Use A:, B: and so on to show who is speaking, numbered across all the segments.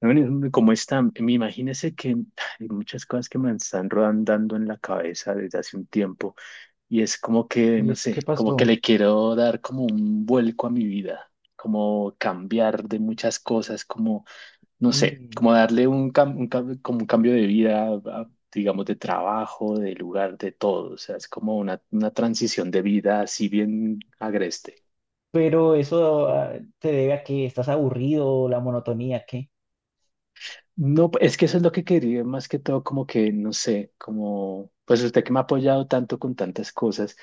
A: Bueno, como están, me imagínese que hay muchas cosas que me están rodando en la cabeza desde hace un tiempo y es como que,
B: ¿Y
A: no
B: eso
A: sé,
B: qué
A: como que
B: pasó?
A: le quiero dar como un vuelco a mi vida, como cambiar de muchas cosas, como, no sé,
B: Mm.
A: como darle un, como un cambio de vida, digamos, de trabajo, de lugar, de todo, o sea, es como una transición de vida así bien agreste.
B: Pero eso te debe a que estás aburrido, la monotonía, ¿qué?
A: No, es que eso es lo que quería, más que todo, como que, no sé, como, pues usted que me ha apoyado tanto con tantas cosas,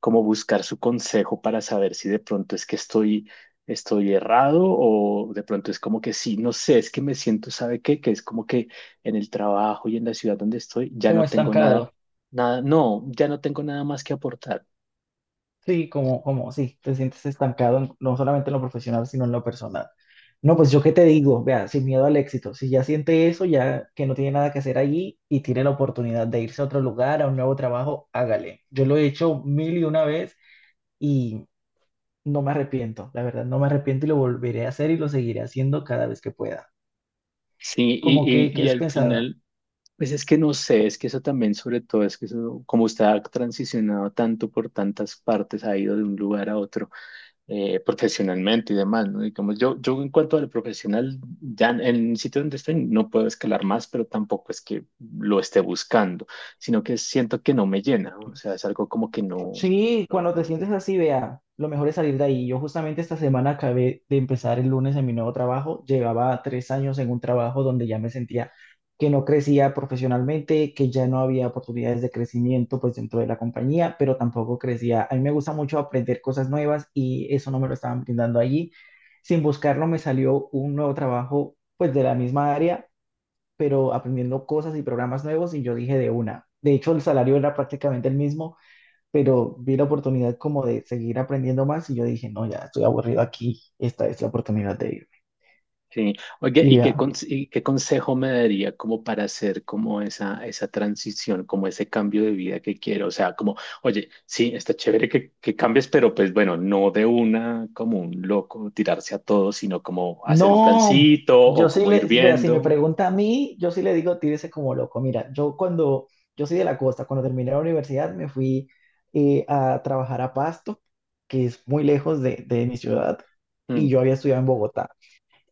A: como buscar su consejo para saber si de pronto es que estoy errado o de pronto es como que sí, no sé, es que me siento, ¿sabe qué? Que es como que en el trabajo y en la ciudad donde estoy ya
B: Como
A: no tengo nada,
B: estancado.
A: nada, no, ya no tengo nada más que aportar.
B: Sí, como, sí, te sientes estancado no solamente en lo profesional, sino en lo personal. No, pues yo qué te digo, vea, sin miedo al éxito. Si ya siente eso, ya que no tiene nada que hacer allí y tiene la oportunidad de irse a otro lugar, a un nuevo trabajo, hágale. Yo lo he hecho mil y una vez y no me arrepiento, la verdad, no me arrepiento y lo volveré a hacer y lo seguiré haciendo cada vez que pueda.
A: Sí,
B: ¿Cómo
A: y, y,
B: que, qué
A: y
B: has
A: al
B: pensado?
A: final. Pues es que no sé, es que eso también, sobre todo, es que eso, como usted ha transicionado tanto por tantas partes, ha ido de un lugar a otro, profesionalmente y demás, ¿no? Y como yo en cuanto a lo profesional, ya en el sitio donde estoy no puedo escalar más, pero tampoco es que lo esté buscando, sino que siento que no me llena, o sea, es algo como que
B: Sí, cuando te
A: no.
B: sientes así, vea, lo mejor es salir de ahí. Yo justamente esta semana acabé de empezar el lunes en mi nuevo trabajo. Llevaba 3 años en un trabajo donde ya me sentía que no crecía profesionalmente, que ya no había oportunidades de crecimiento pues dentro de la compañía, pero tampoco crecía. A mí me gusta mucho aprender cosas nuevas y eso no me lo estaban brindando allí. Sin buscarlo me salió un nuevo trabajo pues de la misma área, pero aprendiendo cosas y programas nuevos y yo dije de una. De hecho, el salario era prácticamente el mismo, pero vi la oportunidad como de seguir aprendiendo más y yo dije, no, ya estoy aburrido aquí, esta es la oportunidad de irme.
A: Sí. Oye,
B: Y
A: ¿y qué,
B: vea,
A: qué consejo me daría como para hacer como esa transición, como ese cambio de vida que quiero? O sea, como, oye, sí, está chévere que cambies, pero pues bueno, no de una como un loco tirarse a todo, sino como hacer un
B: no,
A: plancito o como ir
B: vea, si me
A: viendo.
B: pregunta a mí, yo sí le digo, tírese como loco. Mira, yo soy de la costa, cuando terminé la universidad me fui a trabajar a Pasto, que es muy lejos de mi ciudad, y
A: Mm,
B: yo había estudiado en Bogotá.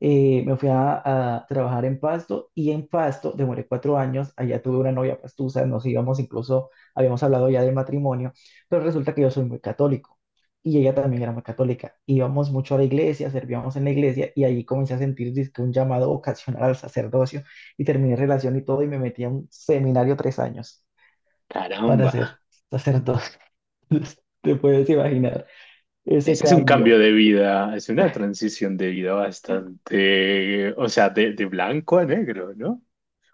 B: Me fui a trabajar en Pasto y en Pasto demoré 4 años, allá tuve una novia pastusa, nos íbamos incluso, habíamos hablado ya del matrimonio, pero resulta que yo soy muy católico y ella también era muy católica. Íbamos mucho a la iglesia, servíamos en la iglesia y allí comencé a sentir dizque, un llamado vocacional al sacerdocio y terminé relación y todo y me metí a un seminario 3 años para
A: caramba,
B: ser sacerdote. Te puedes imaginar ese
A: ese es un cambio
B: cambio.
A: de vida, es una transición de vida bastante, o sea, de blanco a negro, ¿no?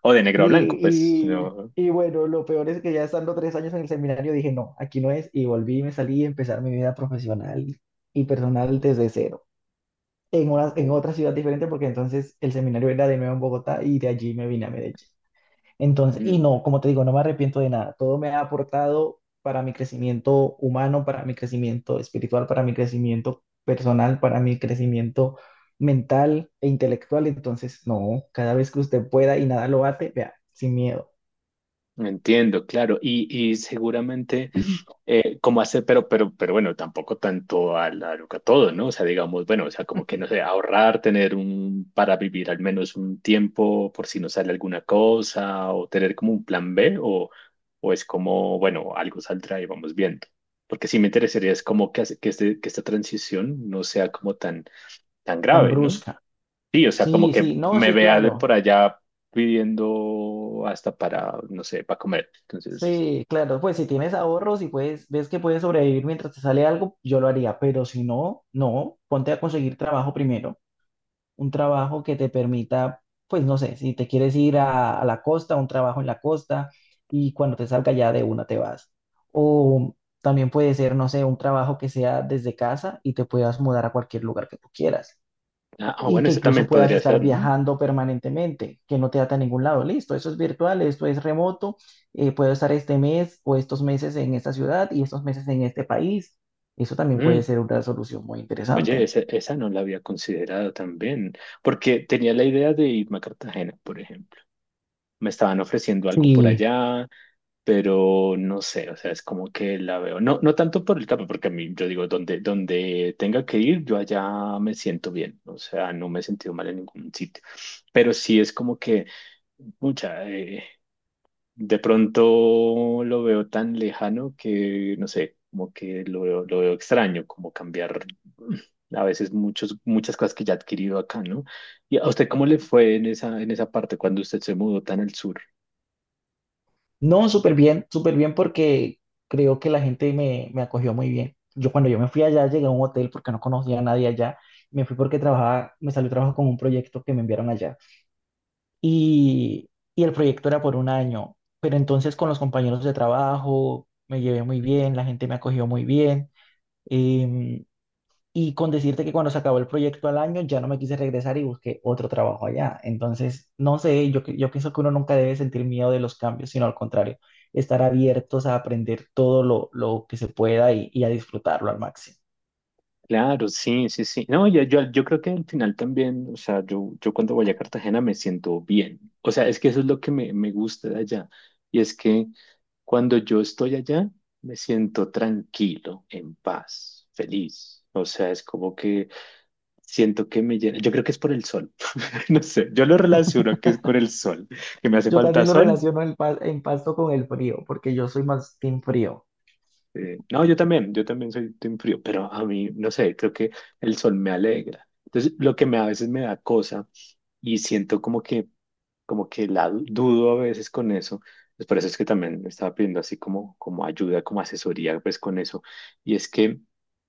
A: O de negro a blanco,
B: Sí,
A: pues, no.
B: y bueno, lo peor es que ya estando 3 años en el seminario dije, no, aquí no es, y volví, y me salí a empezar mi vida profesional y personal desde cero, en una, en otra ciudad diferente, porque entonces el seminario era de nuevo en Bogotá y de allí me vine a Medellín. Entonces, y no, como te digo, no me arrepiento de nada, todo me ha aportado para mi crecimiento humano, para mi crecimiento espiritual, para mi crecimiento personal, para mi crecimiento mental e intelectual. Entonces, no, cada vez que usted pueda y nada lo bate, vea, sin miedo.
A: Entiendo, claro, y seguramente como hacer, pero bueno, tampoco tanto a la loca todo, ¿no? O sea, digamos, bueno, o sea, como que no sé, ahorrar, tener un, para vivir al menos un tiempo por si no sale alguna cosa, o tener como un plan B, o es como, bueno, algo saldrá y vamos viendo. Porque sí me interesaría es como que, que esta transición no sea como tan, tan
B: Tan
A: grave, ¿no?
B: brusca.
A: Sí, o sea, como
B: Sí,
A: que
B: sí, no,
A: me
B: sí,
A: vea de
B: claro.
A: por allá pidiendo hasta para, no sé, para comer. Entonces,
B: Sí, claro, pues si tienes ahorros y puedes, ves que puedes sobrevivir mientras te sale algo, yo lo haría, pero si no, no, ponte a conseguir trabajo primero, un trabajo que te permita, pues no sé, si te quieres ir a la costa, un trabajo en la costa y cuando te salga ya de una te vas. O también puede ser, no sé, un trabajo que sea desde casa y te puedas mudar a cualquier lugar que tú quieras.
A: ah, ah,
B: Y
A: bueno,
B: que
A: eso
B: incluso
A: también
B: puedas
A: podría ser,
B: estar
A: ¿no?
B: viajando permanentemente, que no te ata a ningún lado. Listo, eso es virtual, esto es remoto, puedo estar este mes o estos meses en esta ciudad y estos meses en este país. Eso también puede
A: Mm,
B: ser una solución muy
A: oye,
B: interesante.
A: esa no la había considerado también, porque tenía la idea de irme a Cartagena, por ejemplo. Me estaban ofreciendo algo por
B: Sí,
A: allá, pero no sé, o sea, es como que la veo. No, no tanto por el campo, porque a mí, yo digo, donde tenga que ir, yo allá me siento bien. O sea, no me he sentido mal en ningún sitio. Pero sí es como que... Mucha, de pronto lo veo tan lejano que, no sé, como que lo veo extraño, como cambiar, mm, a veces muchas cosas que ya ha adquirido acá, ¿no? ¿Y a usted cómo le fue en esa parte cuando usted se mudó tan al sur?
B: no, súper bien porque creo que la gente me acogió muy bien. Yo cuando yo me fui allá, llegué a un hotel porque no conocía a nadie allá. Me fui porque trabajaba, me salió trabajo con un proyecto que me enviaron allá. y, y el proyecto era por un año, pero entonces con los compañeros de trabajo me llevé muy bien, la gente me acogió muy bien, em, y con decirte que cuando se acabó el proyecto al año ya no me quise regresar y busqué otro trabajo allá. Entonces, no sé, yo pienso que uno nunca debe sentir miedo de los cambios, sino al contrario, estar abiertos a aprender todo lo que se pueda y a disfrutarlo al máximo.
A: Claro, sí, sí, sí. No, yo creo que al final también, o sea, yo cuando voy a Cartagena me siento bien. O sea, es que eso es lo que me gusta de allá. Y es que cuando yo estoy allá, me siento tranquilo, en paz, feliz. O sea, es como que siento que me llena. Yo creo que es por el sol. No sé, yo lo relaciono que es con el sol, que me hace
B: Yo
A: falta
B: también lo
A: sol.
B: relaciono en Pasto con el frío, porque yo soy más team frío.
A: No, yo también soy team frío, pero a mí, no sé, creo que el sol me alegra. Entonces, lo que me, a veces me da cosa, y siento como que la dudo a veces con eso. Pues por eso es que también estaba pidiendo así como, como ayuda, como asesoría, pues con eso. Y es que,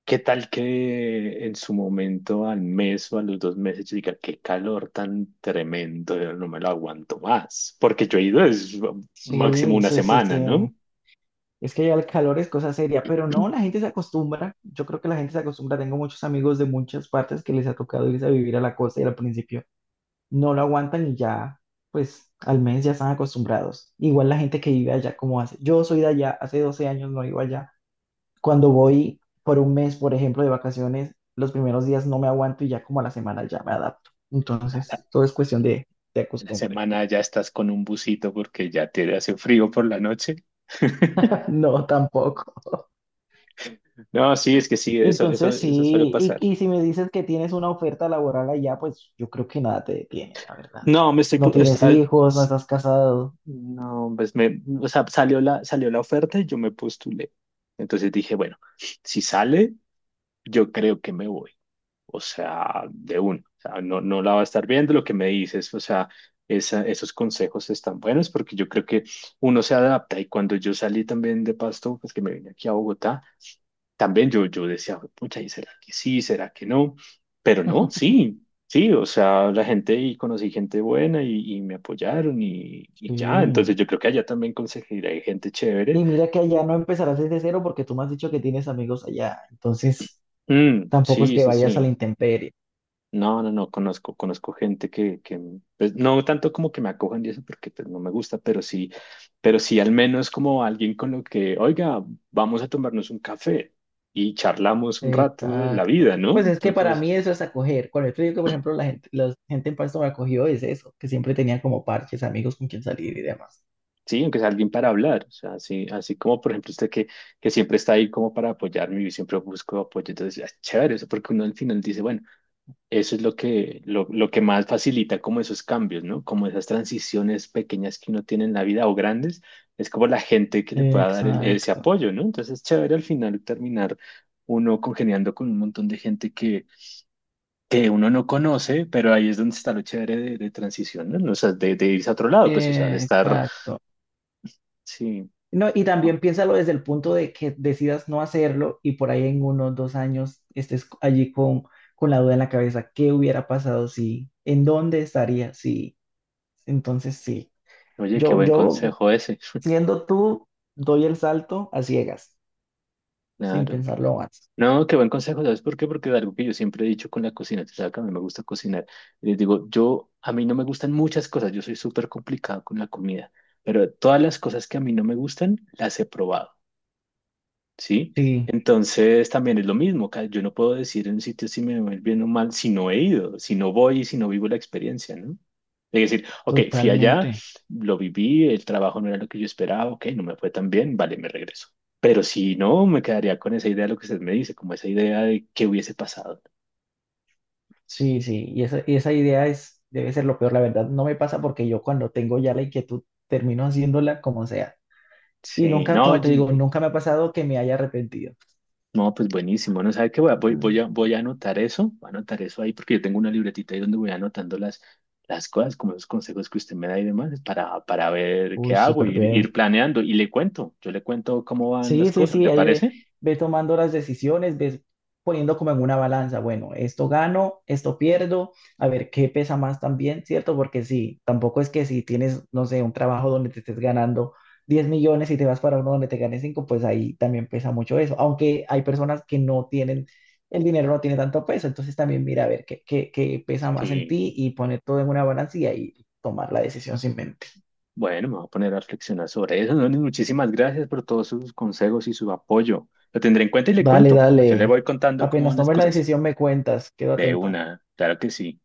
A: ¿qué tal que en su momento, al mes o a los dos meses, yo diga, qué calor tan tremendo, yo no me lo aguanto más? Porque yo he ido es máximo
B: Sí,
A: una
B: sí, sí,
A: semana, ¿no?
B: sí. Es que ya el calor es cosa seria, pero no, la gente se acostumbra. Yo creo que la gente se acostumbra. Tengo muchos amigos de muchas partes que les ha tocado irse a vivir a la costa y al principio no lo aguantan y ya, pues al mes ya están acostumbrados. Igual la gente que vive allá como hace. Yo soy de allá, hace 12 años no iba allá. Cuando voy por un mes, por ejemplo, de vacaciones, los primeros días no me aguanto y ya como a la semana ya me adapto. Entonces, todo es cuestión de
A: En la
B: costumbre.
A: semana ya estás con un busito porque ya te hace frío por la noche.
B: No, tampoco.
A: No, sí, es que sí, eso, eso,
B: Entonces,
A: eso suele
B: sí, y,
A: pasar.
B: y si me dices que tienes una oferta laboral allá, pues yo creo que nada te detiene, la verdad.
A: No,
B: No tienes hijos, no estás casado.
A: no, pues me, o sea, salió la oferta y yo me postulé. Entonces dije, bueno, si sale, yo creo que me voy. O sea, de uno. O sea, no, no la va a estar viendo lo que me dices. O sea, esos consejos están buenos porque yo creo que uno se adapta. Y cuando yo salí también de Pasto, pues que me vine aquí a Bogotá, también yo decía, pucha, ¿y será que sí? ¿Será que no? Pero no, sí, sí, o sea, la gente y conocí gente buena y me apoyaron y ya, entonces
B: Sí.
A: yo creo que allá también conseguiré gente chévere.
B: Y mira que allá no empezarás desde cero porque tú me has dicho que tienes amigos allá. Entonces,
A: Mm,
B: tampoco es
A: sí,
B: que
A: sí,
B: vayas a la
A: sí.
B: intemperie.
A: No, no, no, conozco, conozco gente que pues, no tanto como que me acojan y eso porque pues no me gusta, pero sí al menos como alguien con lo que, oiga, vamos a tomarnos un café y charlamos un rato de la
B: Exacto.
A: vida, ¿no?
B: Pues es que para
A: Entonces...
B: mí eso es acoger. Con esto digo que, por ejemplo, la gente en Pasto me acogió es eso, que siempre tenía como parches, amigos con quien salir y demás.
A: Sí, aunque sea alguien para hablar, o sea, así, así como por ejemplo que siempre está ahí como para apoyarme y siempre busco apoyo, entonces es chévere, eso porque uno al final dice, bueno, eso es lo que, lo que más facilita como esos cambios, ¿no? Como esas transiciones pequeñas que uno tiene en la vida o grandes, es como la gente que le pueda dar ese
B: Exacto.
A: apoyo, ¿no? Entonces es chévere al final terminar uno congeniando con un montón de gente que uno no conoce, pero ahí es donde está lo chévere de transición, ¿no? O sea, de irse a otro lado, pues, o sea, de estar,
B: Exacto.
A: sí.
B: No, y también piénsalo desde el punto de que decidas no hacerlo y por ahí en unos 2 años estés allí con la duda en la cabeza, ¿qué hubiera pasado si, en dónde estaría si? Entonces sí,
A: Oye, qué
B: yo,
A: buen
B: yo
A: consejo ese.
B: siendo tú, doy el salto a ciegas, sin
A: Claro.
B: pensarlo más.
A: No, qué buen consejo, ¿sabes por qué? Porque es algo que yo siempre he dicho con la cocina, tú sabes que a mí me gusta cocinar. Y les digo, yo, a mí no me gustan muchas cosas, yo soy súper complicado con la comida, pero todas las cosas que a mí no me gustan, las he probado. ¿Sí?
B: Sí,
A: Entonces también es lo mismo, yo no puedo decir en un sitio si me va a ir bien o mal si no he ido, si no voy y si no vivo la experiencia, ¿no? Es decir, ok, fui allá,
B: totalmente.
A: lo viví, el trabajo no era lo que yo esperaba, ok, no me fue tan bien, vale, me regreso. Pero si no, me quedaría con esa idea de lo que usted me dice, como esa idea de qué hubiese pasado.
B: Sí, sí, y esa idea es, debe ser lo peor, la verdad, no me pasa porque yo cuando tengo ya la inquietud termino haciéndola como sea. Y
A: Sí,
B: nunca,
A: no.
B: como te digo, nunca me ha pasado que me haya arrepentido.
A: No, pues buenísimo. No sabe qué voy a anotar eso, voy a anotar eso ahí porque yo tengo una libretita ahí donde voy anotando las cosas, como los consejos que usted me da y demás, para ver qué
B: Uy,
A: hago,
B: súper
A: ir
B: bien.
A: planeando y le cuento. Yo le cuento cómo van las
B: Sí, sí,
A: cosas,
B: sí,
A: ¿le
B: ahí ve,
A: parece?
B: ve tomando las decisiones, ves poniendo como en una balanza, bueno, esto gano, esto pierdo, a ver qué pesa más también, ¿cierto? Porque sí, tampoco es que si tienes, no sé, un trabajo donde te estés ganando 10 millones y te vas para uno donde te ganes 5, pues ahí también pesa mucho eso, aunque hay personas que no tienen, el dinero no tiene tanto peso, entonces también mira a ver qué pesa más en
A: Sí.
B: ti y poner todo en una balanza y ahí tomar la decisión sin.
A: Bueno, me voy a poner a reflexionar sobre eso. Donis, muchísimas gracias por todos sus consejos y su apoyo. Lo tendré en cuenta y le
B: Dale,
A: cuento. Yo le
B: dale.
A: voy contando cómo
B: Apenas
A: van las
B: tomes la
A: cosas.
B: decisión, me cuentas. Quedo
A: De
B: atento.
A: una, claro que sí.